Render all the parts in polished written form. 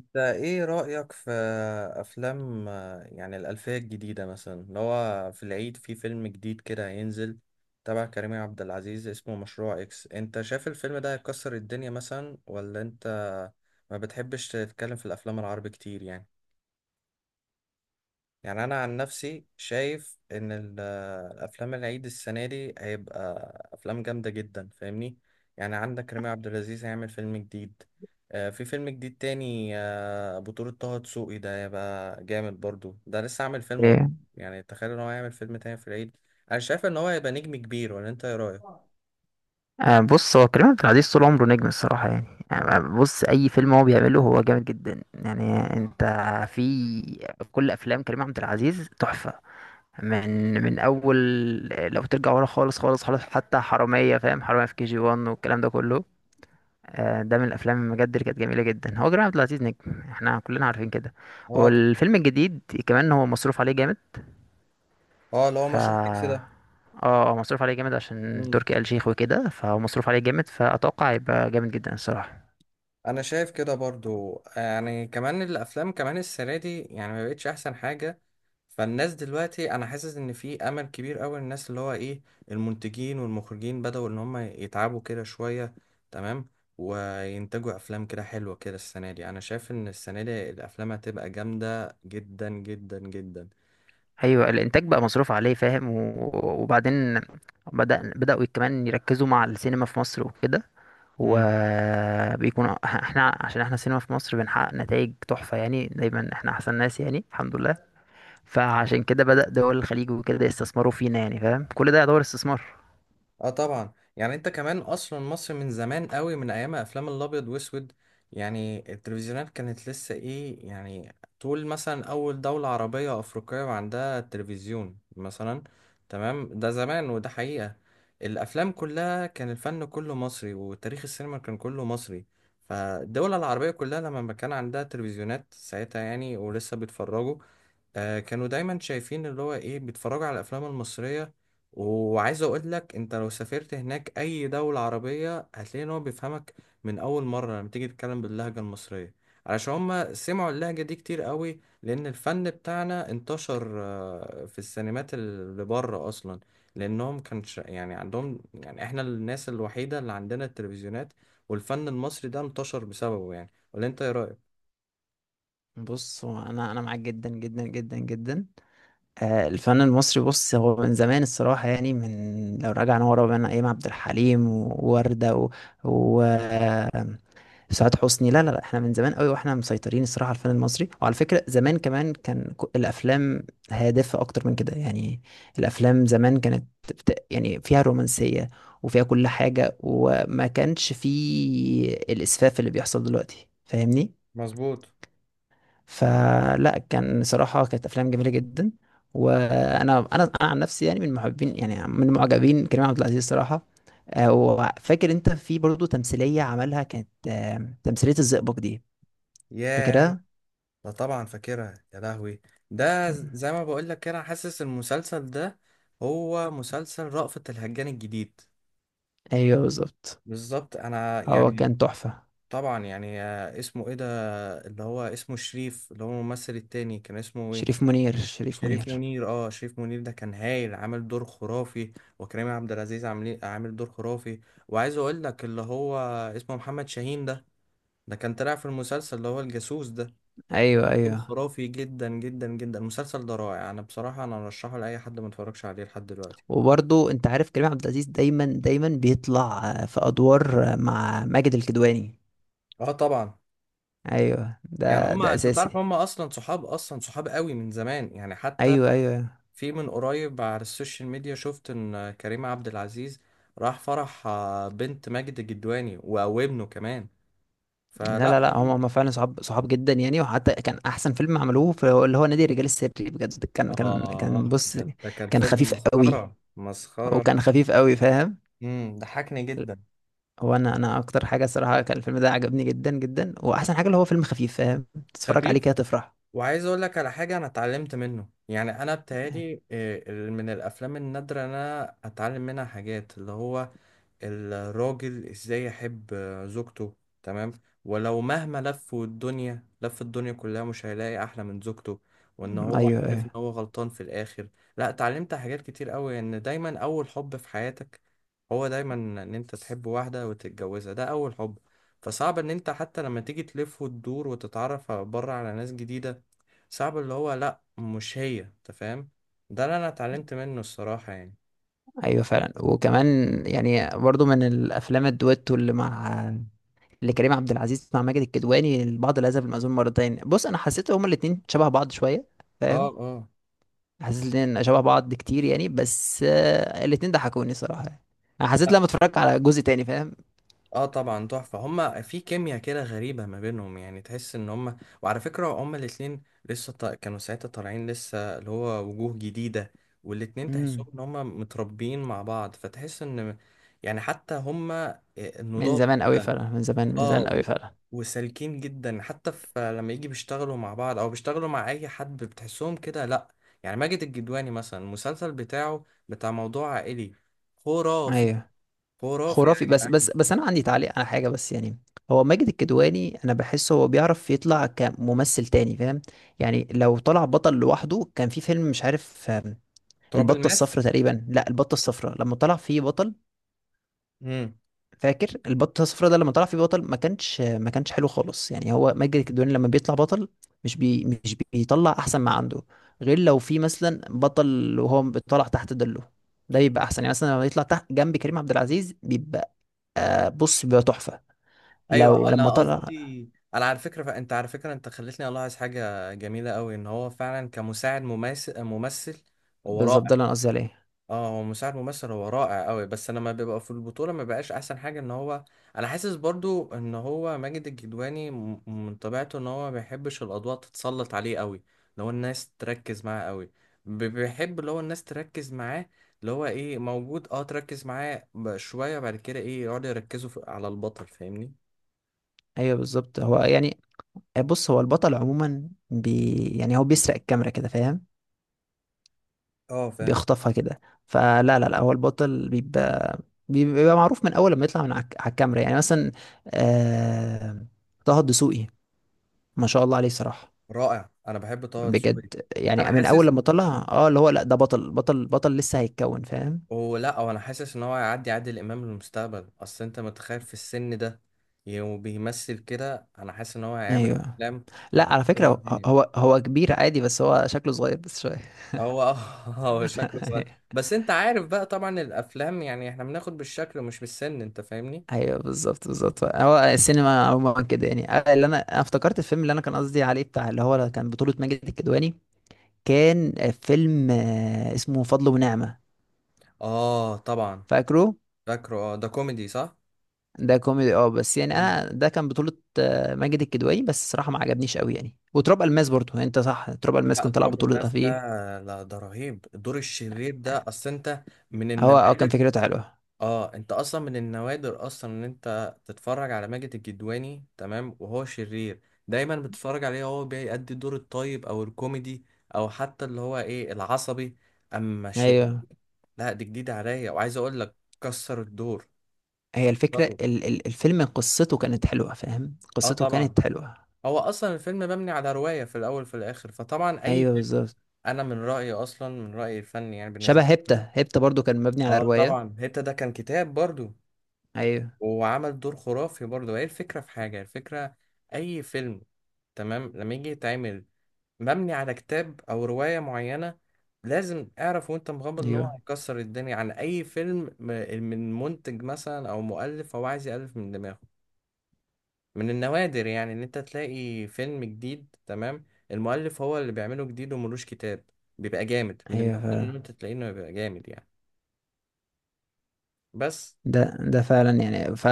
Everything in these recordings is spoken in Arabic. انت ايه رأيك في افلام، يعني الألفية الجديدة مثلا اللي هو في العيد في فيلم جديد كده هينزل تبع كريم عبد العزيز اسمه مشروع اكس. انت شايف الفيلم ده هيكسر الدنيا مثلا؟ ولا انت ما بتحبش تتكلم في الافلام العربي كتير يعني؟ يعني انا عن نفسي شايف ان الافلام العيد السنه دي هيبقى افلام جامده جدا، فاهمني؟ يعني عندك رامي عبد العزيز هيعمل فيلم جديد، في فيلم جديد تاني، بطولة طه دسوقي، ده هيبقى جامد برضو. ده لسه عامل فيلم ورا، ايه يعني تخيل ان هو هيعمل فيلم تاني في العيد. انا شايف ان هو هيبقى نجم كبير، ولا انت ايه رايك؟ آه بص، هو كريم عبد العزيز طول عمره نجم الصراحة. يعني بص، أي فيلم هو بيعمله هو جامد جدا. يعني أنت في كل أفلام كريم عبد العزيز تحفة. من أول، لو ترجع ورا خالص خالص خالص، حتى حرامية، فاهم، حرامية في كي جي وان والكلام ده كله. ده من الأفلام بجد اللي كانت جميلة جدا. هو كريم عبد العزيز نجم، احنا كلنا عارفين كده. اه طبعا. والفيلم الجديد كمان هو مصروف عليه جامد. اه اللي هو ف مشروع اكس اه ده. اه مصروف عليه جامد عشان مم. تركي آل شيخ وكده، فهو مصروف عليه جامد، فأتوقع هيبقى جامد جدا الصراحة. انا شايف كده برضو، يعني كمان الافلام كمان السنه دي يعني ما بقتش احسن حاجه. فالناس دلوقتي انا حاسس ان في امل كبير قوي، الناس اللي هو ايه، المنتجين والمخرجين بدأوا ان هم يتعبوا كده شويه. تمام. وينتجوا افلام كده حلوه كده السنه دي. انا شايف ان السنه دي الافلام هتبقى جامده جدا جدا جدا. أيوة، الإنتاج بقى مصروف عليه فاهم وبعدين بدأوا كمان يركزوا مع السينما في مصر وكده. وبيكون احنا، عشان احنا السينما في مصر بنحقق نتائج تحفة. يعني دايما احنا أحسن ناس يعني الحمد لله. فعشان كده بدأ دول الخليج وكده يستثمروا فينا، يعني فاهم، كل ده يعتبر استثمار. اه طبعا. يعني انت كمان اصلا مصر من زمان قوي، من ايام افلام الابيض واسود، يعني التلفزيونات كانت لسه ايه، يعني طول مثلا اول دولة عربية افريقية عندها تلفزيون مثلا. تمام. ده زمان وده حقيقة. الافلام كلها كان الفن كله مصري، وتاريخ السينما كان كله مصري. فالدول العربية كلها لما كان عندها تلفزيونات ساعتها يعني ولسه بيتفرجوا، كانوا دايما شايفين اللي هو ايه، بيتفرجوا على الافلام المصريه. وعايز اقول لك، انت لو سافرت هناك اي دوله عربيه هتلاقي ان هو بيفهمك من اول مره لما تيجي تتكلم باللهجه المصريه، علشان هما سمعوا اللهجه دي كتير قوي، لان الفن بتاعنا انتشر في السينمات اللي بره اصلا، لانهم كانش يعني عندهم يعني احنا الناس الوحيده اللي عندنا التلفزيونات، والفن المصري ده انتشر بسببه يعني. ولا انت ايه رايك؟ بص، هو انا معاك جدا جدا جدا جدا. الفن المصري، بص هو من زمان الصراحة، يعني من، لو رجعنا ورا، بين أيام عبد الحليم ووردة و سعاد حسني. لا لا لا، احنا من زمان قوي واحنا مسيطرين الصراحة على الفن المصري. وعلى فكرة، زمان كمان كان الأفلام هادفة أكتر من كده يعني. الأفلام زمان كانت يعني فيها رومانسية، وفيها كل حاجة، وما كانش فيه الإسفاف اللي بيحصل دلوقتي، فاهمني؟ مظبوط. فلا، كان صراحة كانت أفلام جميلة جدا. وأنا أنا أنا عن نفسي يعني من محبين، يعني من معجبين كريم عبد العزيز صراحة. وفاكر أنت، في برضه تمثيلية عملها، كانت تمثيلية الزئبق دي، ياه. فاكرها؟ لا طبعا فاكرها، يا لهوي. ده مم. زي ما بقول لك كده، أنا حاسس المسلسل ده هو مسلسل رأفت الهجان الجديد. أيوه بالظبط. بالظبط. انا هو يعني كان تحفة. طبعا يعني، اسمه ايه ده، اللي هو اسمه شريف، اللي هو الممثل التاني كان اسمه ايه؟ شريف منير، شريف شريف منير. منير. اه، شريف منير ده كان هايل، عامل دور خرافي. وكريم عبد العزيز عامل دور خرافي. وعايز اقول لك اللي هو اسمه محمد شاهين ده، ده كان طلع في المسلسل اللي هو الجاسوس ده. أيوه كان أيوه. خرافي جدا جدا جدا. المسلسل ده رائع. انا بصراحه انا ارشحه لاي حد ما اتفرجش عليه لحد دلوقتي. وبرضه أنت عارف كريم عبد العزيز دايما دايما بيطلع في أدوار مع ماجد الكدواني. اه طبعا. أيوه، يعني ده هما، ده انت تعرف، أساسي. هما اصلا صحاب، اصلا صحاب قوي من زمان يعني، حتى أيوه أيوه. في من قريب على السوشيال ميديا شفت ان كريم عبد العزيز راح فرح، بنت ماجد الجدواني وابنه كمان. لا لا فلا لا، هم هم فعلا صحاب صحاب جدا يعني. وحتى كان احسن فيلم عملوه، في اللي هو نادي الرجال السري، بجد كان اه، بص، ده كان كان فيلم خفيف قوي. مسخره مسخره. وكان خفيف قوي فاهم. ضحكني جدا. هو انا اكتر حاجه الصراحه كان الفيلم ده عجبني جدا جدا. واحسن حاجه اللي هو فيلم خفيف فاهم، تتفرج عليه خفيف. كده تفرح. وعايز اقول لك على حاجه انا اتعلمت منه، يعني انا بتهيألي، من الافلام النادره إن انا اتعلم منها حاجات، اللي هو الراجل ازاي يحب زوجته. تمام. ولو مهما لف الدنيا، لف الدنيا كلها، مش هيلاقي احلى من زوجته، وان هو ايوه عارف ان ايوه. هو غلطان في الاخر. لا، اتعلمت حاجات كتير قوي، ان دايما اول حب في حياتك هو دايما، ان انت تحب واحده وتتجوزها، ده اول حب. فصعب ان انت حتى لما تيجي تلف وتدور وتتعرف بره على ناس جديدة، صعب اللي هو لا مش هي، انت فاهم؟ ده اللي انا اتعلمت منه الصراحة يعني. ايوه فعلا. وكمان يعني برضو من الافلام الدويتو اللي مع، اللي كريم عبد العزيز مع ماجد الكدواني، البعض لا يذهب المأذون مرتين. بص، انا حسيت هما الاتنين شبه بعض شويه اه، فاهم. اه. حسيت الاتنين شبه بعض كتير يعني، بس الاتنين ضحكوني صراحة يعني. انا حسيت لا، لما اتفرجت على جزء تاني فاهم. اه طبعا تحفة. هما في كيمياء كده غريبة ما بينهم يعني، تحس ان هما، وعلى فكرة هما الاتنين لسه كانوا ساعتها طالعين لسه، اللي هو وجوه جديدة، والاتنين مم. تحسهم ان هما متربيين مع بعض، فتحس ان يعني حتى هما من النضاف زمان قوي كده. فعلا، من زمان، من اه زمان قوي و- فعلا. وسالكين جدا، حتى في لما يجي بيشتغلوا مع بعض او بيشتغلوا مع اي حد بتحسهم كده. لا، يعني ماجد الجدواني مثلا، المسلسل بتاعه بتاع موضوع عائلي خرافي. ايوه خرافي يا خرافي، بس بس جدعان. بس انا عندي تعليق على حاجة بس يعني. هو ماجد الكدواني، انا بحسه هو بيعرف يطلع كممثل تاني فاهم. يعني لو طلع بطل لوحده، كان في فيلم مش عارف، تراب البطة الماس. الصفراء تقريبا. لا، البطة الصفراء لما طلع فيه بطل، امم فاكر البطه الصفراء، ده لما طلع فيه بطل ما كانش حلو خالص يعني. هو ماجد الكدواني لما بيطلع بطل مش بيطلع احسن ما عنده، غير لو في مثلا بطل وهو بيطلع تحت ظله، ده بيبقى احسن يعني. مثلا لما يطلع تحت جنب كريم عبد العزيز، بيبقى، بص، بيبقى تحفه، ايوه. لو لما انا طلع. قصدي، انا على فكره، فانت على فكره انت خلتني الاحظ حاجه جميله قوي، ان هو فعلا كمساعد ممثل ممثل، هو بالظبط، ده رائع. اللي انا قصدي عليه. اه، هو مساعد ممثل هو رائع قوي، بس انا ما بيبقى في البطوله ما بقاش احسن حاجه. ان هو، انا حاسس برضو ان هو ماجد الكدواني من طبيعته ان هو ما بيحبش الاضواء تتسلط عليه قوي، اللي هو الناس تركز معاه قوي. بيحب اللي هو الناس تركز معاه، اللي هو ايه موجود، اه تركز معاه شويه، بعد كده ايه يقعدوا يركزوا على البطل، فاهمني؟ ايوه بالظبط. هو يعني، بص، هو البطل عموما بي يعني هو بيسرق الكاميرا كده فاهم، اه فاهم. بيخطفها كده. فلا لا لا، هو البطل بيبقى، بيبقى معروف من اول لما يطلع من على على الكاميرا. يعني مثلا، آه... طه الدسوقي، ما شاء الله عليه صراحة، رائع، انا بحب طه دسوقي. بجد، انا يعني من اول حاسس، لما طلع، اه اللي هو، لا، ده بطل بطل بطل لسه هيتكون فاهم. ولا هو، انا حاسس ان هو هيعدي عادل امام للمستقبل. اصل انت متخيل في السن ده وبيمثل كده؟ انا حاسس ان هو هيعمل ايوه. افلام لا، مكسره على فكرة، هو الدنيا. هو كبير عادي، بس هو شكله صغير بس شوية. هو اه هو شكله صغير. بس انت عارف بقى طبعا الافلام يعني احنا بناخد بالشكل مش بالسن، انت فاهمني؟ ايوه بالظبط بالظبط. هو السينما عموما كده يعني. اللي أنا افتكرت الفيلم اللي انا كان قصدي عليه بتاع، اللي هو كان بطولة ماجد الكدواني، كان فيلم اسمه فضل ونعمة، اه طبعا فاكره؟ فاكره. اه ده كوميدي صح. ده كوميدي اه، بس يعني مم. انا ده كان بطولة ماجد الكدواني، بس الصراحة ما عجبنيش قوي يعني. وتراب الماس برضه، يعني انت صح، تراب الماس لا كان طلع تراب بطولة الماس ده، فيه. لا ده رهيب، الدور الشرير ده اصل انت، من هو اه كان النوادر. فكرته حلوة. اه انت اصلا من النوادر اصلا ان انت تتفرج على ماجد الكدواني، تمام، وهو شرير. دايما بتتفرج عليه هو بيأدي دور الطيب او الكوميدي، او حتى اللي هو ايه العصبي. اما شرير، ايوه لا دي جديدة عليا. وعايز اقول لك، كسر الدور، هي الفكرة، كسره. ال ال الفيلم قصته كانت حلوة فاهم. اه قصته طبعا. كانت حلوة. هو اصلا الفيلم مبني على رواية، في الاول في الاخر، فطبعا اي ايوه فيلم، بالظبط. انا من رأيي اصلا، من رأيي الفني يعني، شبه بالنسبة لي. هيبتا، هيبتا برضه كان مبني على اه رواية. طبعا هيبتا ده كان كتاب برضو، ايوه. وعمل دور خرافي برضه. هي الفكرة في حاجة، الفكرة، أي فيلم، تمام، لما يجي يتعمل مبني على كتاب أو رواية معينة، لازم اعرف وانت مغمض ان هو ايوه هيكسر الدنيا. عن اي فيلم من منتج مثلا او مؤلف هو عايز يألف من دماغه، من النوادر يعني ان انت تلاقي فيلم جديد، تمام، المؤلف هو اللي بيعمله جديد وملوش كتاب، بيبقى جامد. من النوادر ان ايوه. انت تلاقيه انه بيبقى جامد يعني. بس، ده فعلا يعني. ف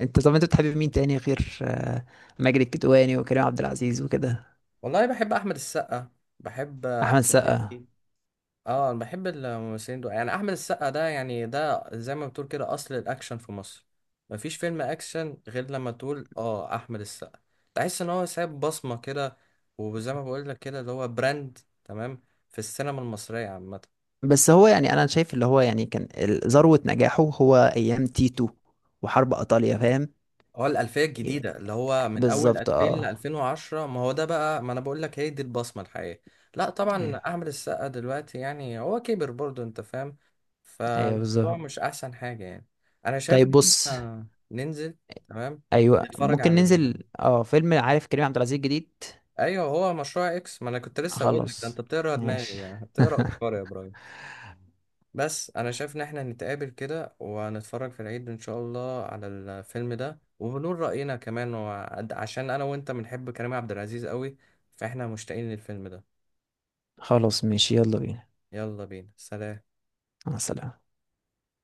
انت، طب انت بتحب مين تاني غير ماجد الكدواني وكريم عبد العزيز وكده؟ والله بحب احمد السقا، بحب احمد احمد سقا. مكي. اه انا بحب الممثلين دول يعني. احمد السقا ده يعني، ده زي ما بتقول كده، اصل الاكشن في مصر، مفيش فيلم اكشن غير لما تقول اه احمد السقا. تحس ان هو سايب بصمة كده، وزي ما بقول لك كده اللي هو براند، تمام، في السينما المصرية عامة. بس هو يعني، انا شايف، اللي هو يعني كان ذروة نجاحه هو ايام تيتو وحرب ايطاليا فاهم. اه، الألفية الجديدة اللي هو من أول بالظبط 2000 ل اه. 2010، ما هو ده بقى، ما أنا بقول لك، هي دي البصمة الحقيقية. لا طبعا، ايوه أحمد السقا دلوقتي يعني هو كبر برضه، أنت فاهم؟ ايوه فالموضوع بالظبط. مش أحسن حاجة يعني. أنا شايف طيب إن بص. إحنا ننزل، تمام، ايوه نتفرج ممكن على، ننزل اه فيلم، عارف، كريم عبد العزيز جديد. أيوه هو مشروع إكس، ما أنا كنت لسه أقول لك ده، أنت خلاص بتقرا دماغي ماشي. يعني، بتقرا أفكاري يا إبراهيم. بس انا شايف ان احنا نتقابل كده ونتفرج في العيد ان شاء الله على الفيلم ده، وبنقول رأينا كمان، عشان انا وانت بنحب كريم عبد العزيز قوي، فاحنا مشتاقين للفيلم ده. خلاص ماشي، يلا بينا. يلا بينا، سلام. مع السلامة.